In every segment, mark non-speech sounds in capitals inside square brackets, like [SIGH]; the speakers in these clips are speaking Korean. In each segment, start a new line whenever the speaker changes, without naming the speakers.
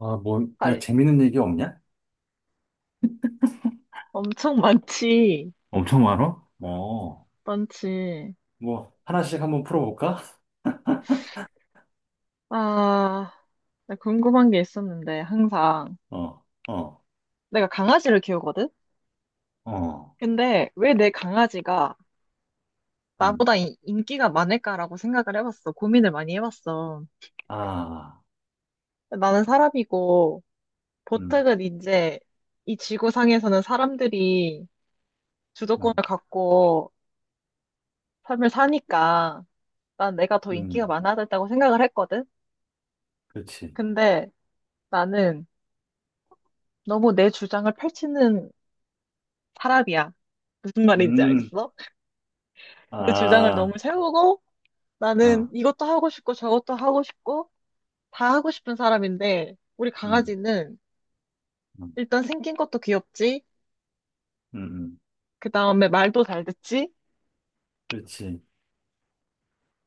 아, 뭐, 야,
알-
재밌는 얘기 없냐?
엄청 많지.
엄청 많아? 어,
많지.
뭐, 하나씩 한번 풀어볼까?
아, 나 궁금한 게 있었는데, 항상.
[LAUGHS] 어, 어,
내가 강아지를 키우거든?
어,
근데 왜 내 강아지가
음,
나보다 인기가 많을까라고 생각을 해봤어. 고민을 많이 해봤어.
아,
나는 사람이고,
음,
보통은 이제 이 지구상에서는 사람들이
어,
주도권을 갖고 삶을 사니까 난 내가 더 인기가
음,
많아야 된다고 생각을 했거든?
그렇지.
근데 나는 너무 내 주장을 펼치는 사람이야. 무슨 말인지
음,
알겠어? 내 주장을 너무
아,
세우고 나는
어,
이것도 하고 싶고 저것도 하고 싶고 다 하고 싶은 사람인데 우리
음,
강아지는
음,
일단 생긴 것도 귀엽지?
음, 음,
그 다음에 말도 잘 듣지? 그
그렇지.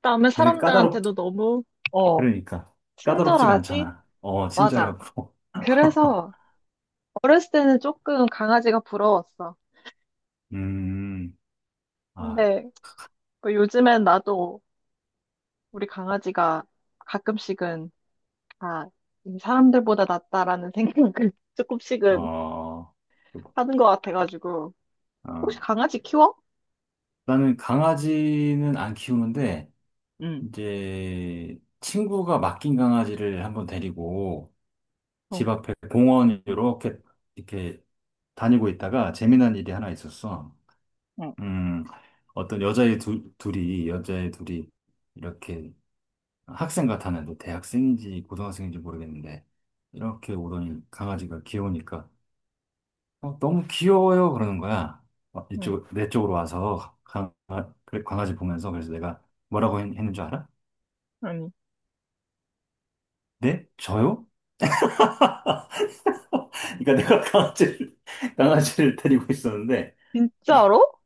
다음에
걔는 까다롭,
사람들한테도 너무 어,
그러니까. 까다롭지가
친절하지?
않잖아. 어,
맞아.
친절하고.
그래서
[LAUGHS]
어렸을 때는 조금 강아지가 부러웠어.
음, 아,
근데 뭐 요즘엔 나도 우리 강아지가 가끔씩은 아, 이 사람들보다 낫다라는 생각을 [LAUGHS]
어,
조금씩은
어,
하는 것 같아가지고. 혹시 강아지 키워?
나는 강아지는 안 키우는데,
응,
이제 친구가 맡긴 강아지를 한번 데리고 집
어,
앞에 공원 이렇게 다니고 있다가 재미난 일이 하나 있었어.
어,
음, 어떤 여자애 둘이 이렇게 학생 같았는데 뭐 대학생인지 고등학생인지 모르겠는데 이렇게 오더니 강아지가 귀여우니까 어, 너무 귀여워요 그러는 거야. 어,
응,
이쪽 내 쪽으로 와서 아, 그래, 강아지 보면서 그래서 내가 뭐라고 했는 줄 알아?
아니.
네? 저요? 그러니까 내가 강아지를, [LAUGHS] 강아지를 데리고 있었는데,
진짜로?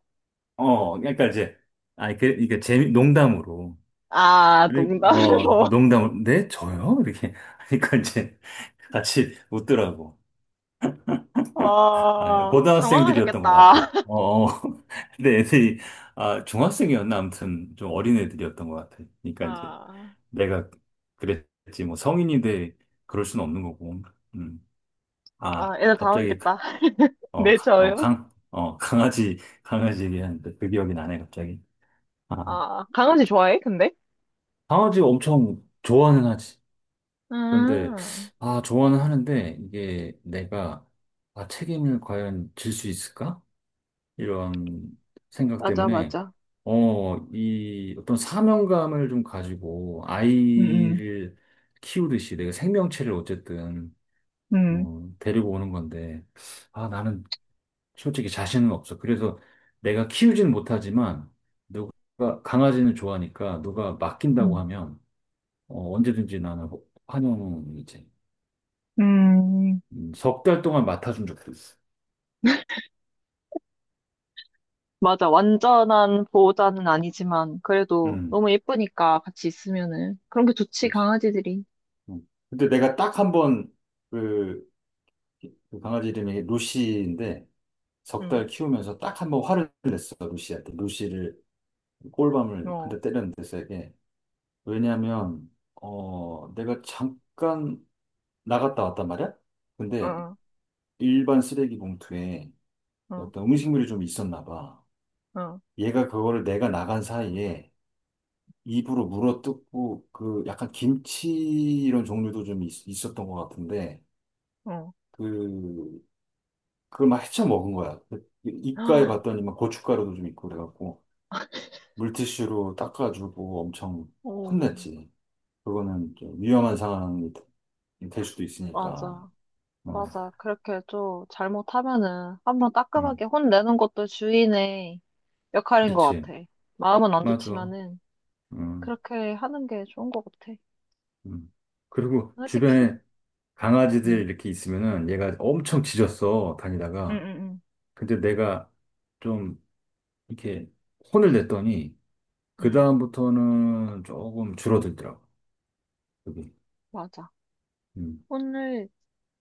어, 그러니까 이제, 아니, 그, 이게 농담으로.
아,
그고
농담으로.
어,
[LAUGHS]
농담으로. 네? 저요? 이렇게. [LAUGHS] 그러니까 이제 같이 웃더라고. 아,
아,
고등학생들이었던 것
당황하셨겠다.
같아. 어, 어. [LAUGHS] 근데 애들이, 아, 중학생이었나? 아무튼 좀 어린 애들이었던 것 같아. 그러니까 이제
아,
내가 그랬지. 뭐 성인인데 그럴 수는 없는 거고. 음. 아,
아, 애들
갑자기
당황했겠다. [LAUGHS]
어,
네,
가- 어,
저요?
강, 어, 강아지, 강아지 얘기하는데 그 기억이 나네, 갑자기. 아,
아, 강아지 좋아해, 근데?
강아지 엄청 좋아는 하지. 그런데,
음,
아, 좋아는 하는데, 이게 내가, 아, 책임을 과연 질 수 있을까? 이런 생각
맞아,
때문에,
맞아.
어, 이 어떤 사명감을 좀 가지고
음,
아이를 키우듯이 내가 생명체를 어쨌든,
음,
어, 데리고 오는 건데, 아, 나는 솔직히 자신은 없어. 그래서 내가 키우진 못하지만 누가 강아지는 좋아하니까 누가 맡긴다고
음,
하면 어, 언제든지 나는 환영이지.
음, 음.
석달 동안 맡아준 적도 있어.
맞아. 완전한 보호자는 아니지만, 그래도
음,
너무 예쁘니까 같이 있으면은. 그런 게 좋지,
그렇지.
강아지들이.
음. 근데 내가 딱 한 번, 그, 그 강아지 이름이 루시인데, 석
응
달 키우면서 딱 한 번 화를 냈어, 루시한테. 루시를, 꼴밤을 한
어,
대 때렸는데, 세게. 왜냐면, 어, 내가 잠깐 나갔다 왔단 말이야? 근데
어.
일반 쓰레기 봉투에
어,
어떤 음식물이 좀 있었나 봐.
어,
얘가 그거를 내가 나간 사이에 입으로 물어뜯고 그 약간 김치 이런 종류도 좀 있었던 것 같은데
어.
그 그걸 막 헤쳐 먹은 거야. 그 입가에 봤더니
[GASPS]
막 고춧가루도 좀 있고 그래갖고 물티슈로 닦아주고 엄청
어,
혼냈지. 그거는 좀 위험한 상황이 될 수도 있으니까.
맞아,
어,
맞아. 그렇게 좀 잘못하면은 한번 따끔하게
음,
혼내는 것도 주인의 역할인 것
그렇지.
같아. 마음은 안
맞아.
좋지만은
음,
그렇게 하는 게 좋은 것 같아.
음. 그리고
솔직히.
주변에 강아지들
응,
이렇게 있으면은 얘가 엄청 짖었어,
응,
다니다가.
응,
근데 내가 좀 이렇게 혼을 냈더니,
응, 응.
그다음부터는 조금 줄어들더라고, 여기.
맞아.
음,
혼을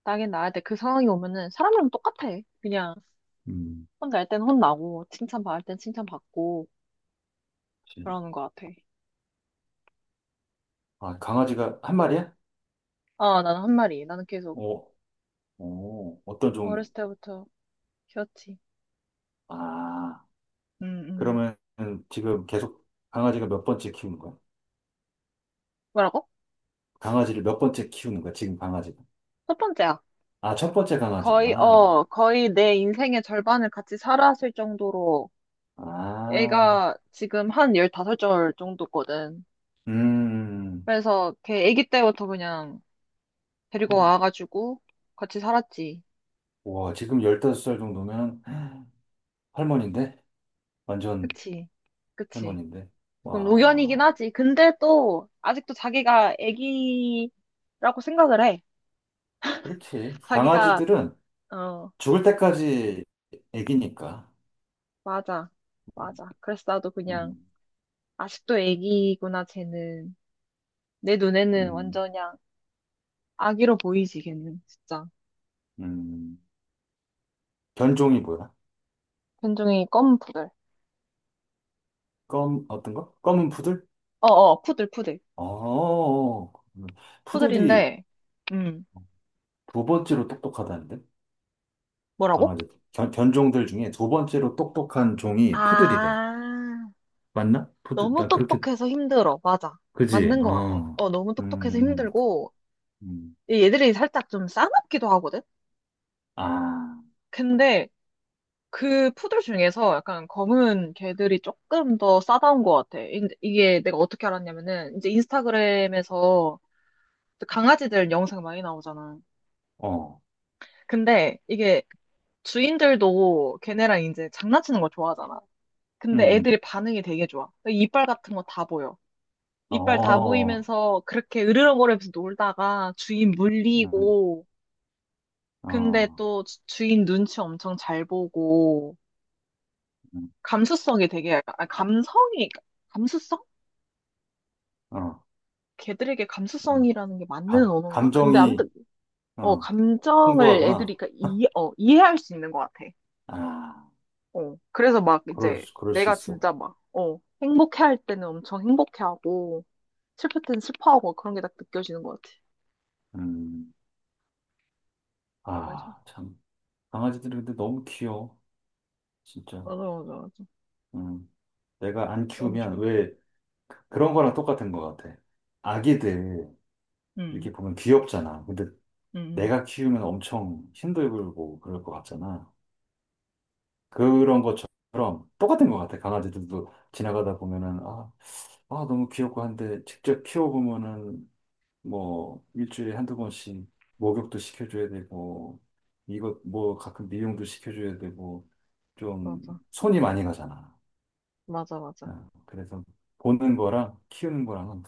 나긴 나야 돼. 그 상황이 오면은 사람이랑 똑같아. 그냥
음.
혼날 땐 혼나고 칭찬받을 땐 칭찬받고
그치.
그러는 것 같아.
아, 강아지가 한 마리야?
아, 나는 한 마리. 나는 계속
어, 어, 어떤 종류?
어렸을 때부터 키웠지.
아,
응, 응.
그러면 지금 계속 강아지가 몇 번째 키우는 거야?
뭐라고?
강아지를 몇 번째 키우는 거야, 지금 강아지가?
첫 번째야.
아, 첫 번째
거의,
강아지구나.
어, 거의 내 인생의 절반을 같이 살았을 정도로
아,
애가 지금 한 15절 정도거든.
음. 음,
그래서 걔 애기 때부터 그냥 데리고
음.
와가지고 같이 살았지.
와, 지금 15살 정도면 할머니인데? 완전
그치. 그치.
할머니인데?
조금 노견이긴
와,
하지. 근데 또 아직도 자기가 애기라고 생각을 해.
그렇지.
자기가,
강아지들은
어,
죽을 때까지 애기니까.
맞아. 맞아. 그래서 나도 그냥
음,
아직도 애기구나, 쟤는. 내 눈에는
음,
완전 그냥 아기로 보이지, 걔는, 진짜.
음. 견종이 뭐야?
견종이 검 푸들.
검, 어떤 거? 검은 푸들?
어어, 푸들, 푸들.
어, 푸들이
푸들인데, 음,
두 번째로 똑똑하다는데?
뭐라고?
강아지. 견종들 중에 두 번째로 똑똑한 종이 푸들이래.
아,
맞나? 푸들,
너무
나 그렇게,
똑똑해서 힘들어. 맞아.
그지?
맞는 것 같아.
어,
어, 너무 똑똑해서
음, 음,
힘들고,
음.
이 얘들이 살짝 좀 싸납기도 하거든?
아,
근데 그 푸들 중에서 약간 검은 개들이 조금 더 싸다운 것 같아. 이게 내가 어떻게 알았냐면은, 이제 인스타그램에서 강아지들 영상 많이 나오잖아.
어.
근데 이게 주인들도 걔네랑 이제 장난치는 걸 좋아하잖아.
음,
근데
음.
애들이 반응이 되게 좋아. 이빨 같은 거 다 보여. 이빨 다
어,
보이면서 그렇게 으르렁거리면서 놀다가 주인
음,
물리고, 근데
어,
또 주인 눈치 엄청 잘 보고,
음,
감수성이 되게, 약간- 아, 감성이, 감수성?
어,
걔들에게
좀,
감수성이라는 게 맞는 언어인가? 근데 아무튼,
감정이,
어,
어,
감정을
풍부하구나.
애들이 그러니까 이, 어, 이해할 수 있는 것 같아.
아,
어. 그래서 막 이제
그럴 수
내가
있어.
진짜 막, 어, 행복해 할 때는 엄청 행복해 하고, 슬플 때는 슬퍼하고 그런 게 딱 느껴지는 것 같아.
음,
맞아.
아, 참. 강아지들이 근데 너무 귀여워. 진짜.
맞아, 맞아, 맞아.
음, 내가 안
너무
키우면
좋아.
왜 그런 거랑 똑같은 것 같아. 아기들,
응,
이렇게 보면 귀엽잖아. 근데
응, 응.
내가 키우면 엄청 힘들고 그럴 것 같잖아. 그런 것처럼 똑같은 것 같아. 강아지들도 지나가다 보면은, 아, 아, 너무 귀엽고 한데 직접 키워보면은 뭐 일주일에 한두 번씩 목욕도 시켜줘야 되고 이것 뭐 가끔 미용도 시켜줘야 되고 좀
맞아,
손이 많이 가잖아.
맞아, 맞아.
어, 그래서 보는 거랑 키우는 거랑은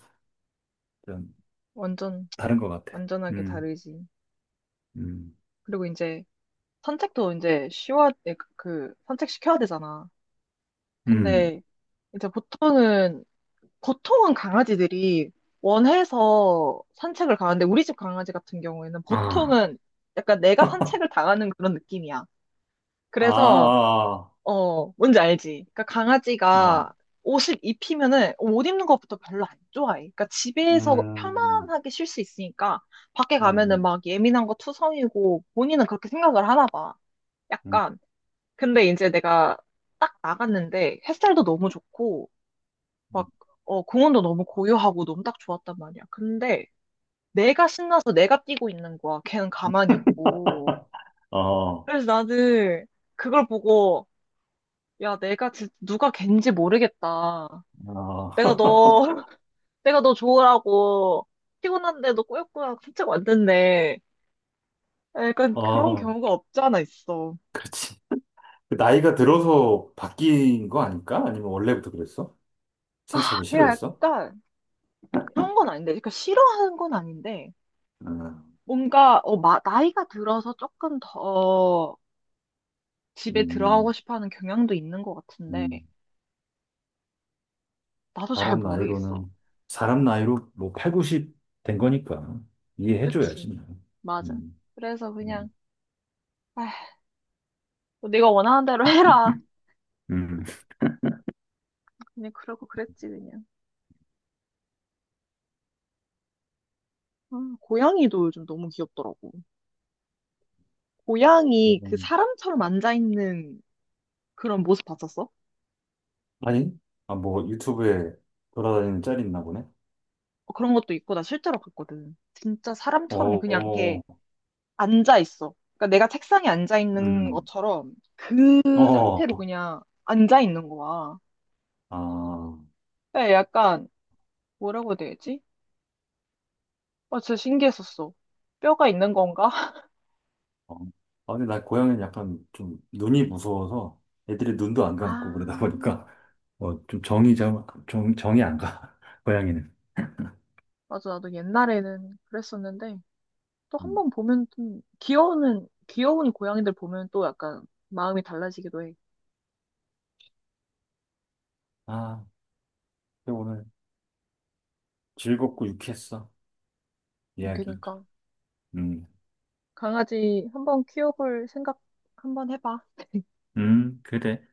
좀
완전,
다른 것 같아.
완전하게 다르지.
음,
그리고 이제 산책도 이제 쉬워, 그, 산책시켜야 되잖아.
음.
근데 이제 보통은 강아지들이 원해서 산책을 가는데 우리 집 강아지 같은 경우에는
아,
보통은 약간
[LAUGHS]
내가
아,
산책을 당하는 그런 느낌이야. 그래서
아,
어 뭔지 알지? 그러니까
아.
강아지가
어,
옷을 입히면은 옷 입는 것부터 별로 안 좋아해. 그러니까 집에서
음,
편안하게 쉴 수 있으니까 밖에 가면은
음,
막 예민한 거 투성이고 본인은 그렇게 생각을 하나 봐.
음.
약간 근데 이제 내가 딱 나갔는데 햇살도 너무 좋고 막, 어, 공원도 너무 고요하고 너무 딱 좋았단 말이야. 근데 내가 신나서 내가 뛰고 있는 거야. 걔는 가만히 있고.
[LAUGHS] 어,
그래서 나는 그걸 보고, 야, 내가 진짜 누가 걘지 모르겠다.
어,
내가 너, [LAUGHS] 내가 너 좋으라고 피곤한데 너 꾸역꾸역 산책 왔는데.
[LAUGHS]
약간 그런
어,
경우가 없지 않아 있어.
그렇지. 그 나이가 들어서 바뀐 거 아닐까? 아니면 원래부터 그랬어? 산책을
내가
싫어했어?
약간 그런 건 아닌데, 그러니까 싫어하는 건 아닌데,
아,
뭔가, 어, 나이가 들어서 조금 더 집에 들어가고
음,
싶어 하는 경향도 있는 것 같은데,
음.
나도 잘
사람
모르겠어.
나이로는, 사람
음.
나이로 뭐 8, 90 된 거니까 이해해줘야지.
그치.
뭐.
맞아.
음,
그래서 그냥,
음.
아휴, 뭐 네가 원하는 대로 [LAUGHS] 해라.
음.
그냥 그러고 그랬지, 그냥. 아, 고양이도 요즘 너무 귀엽더라고. 고양이 그
음.
사람처럼 앉아있는 그런 모습 봤었어?
아니? 아, 뭐 유튜브에 돌아다니는 짤이 있나 보네?
어, 그런 것도 있고, 나 실제로 봤거든. 진짜 사람처럼 그냥
어,
이렇게 앉아있어. 그러니까 내가 책상에 앉아있는
음,
것처럼 그 상태로
어,
그냥 앉아있는 거야.
아,
그러니까 약간, 뭐라고 해야 되지? 아, 진짜 신기했었어. 뼈가 있는 건가? [LAUGHS]
어. 아, 근데 나 고양이는 약간 좀 눈이 무서워서 애들이 눈도 안 감고 그러다
아,
보니까 뭐, 좀 정이 좀, 정이 안 가. [LAUGHS] 고양이는.
맞아. 나도 옛날에는 그랬었는데, 또 한
음.
번 보면 좀, 귀여우는, 귀여운 고양이들 보면 또 약간 마음이 달라지기도 해.
아, 근데 오늘 즐겁고 유쾌했어. 이야기.
그러니까,
음,
강아지 한번 키워볼 생각 한번 해봐.
그래.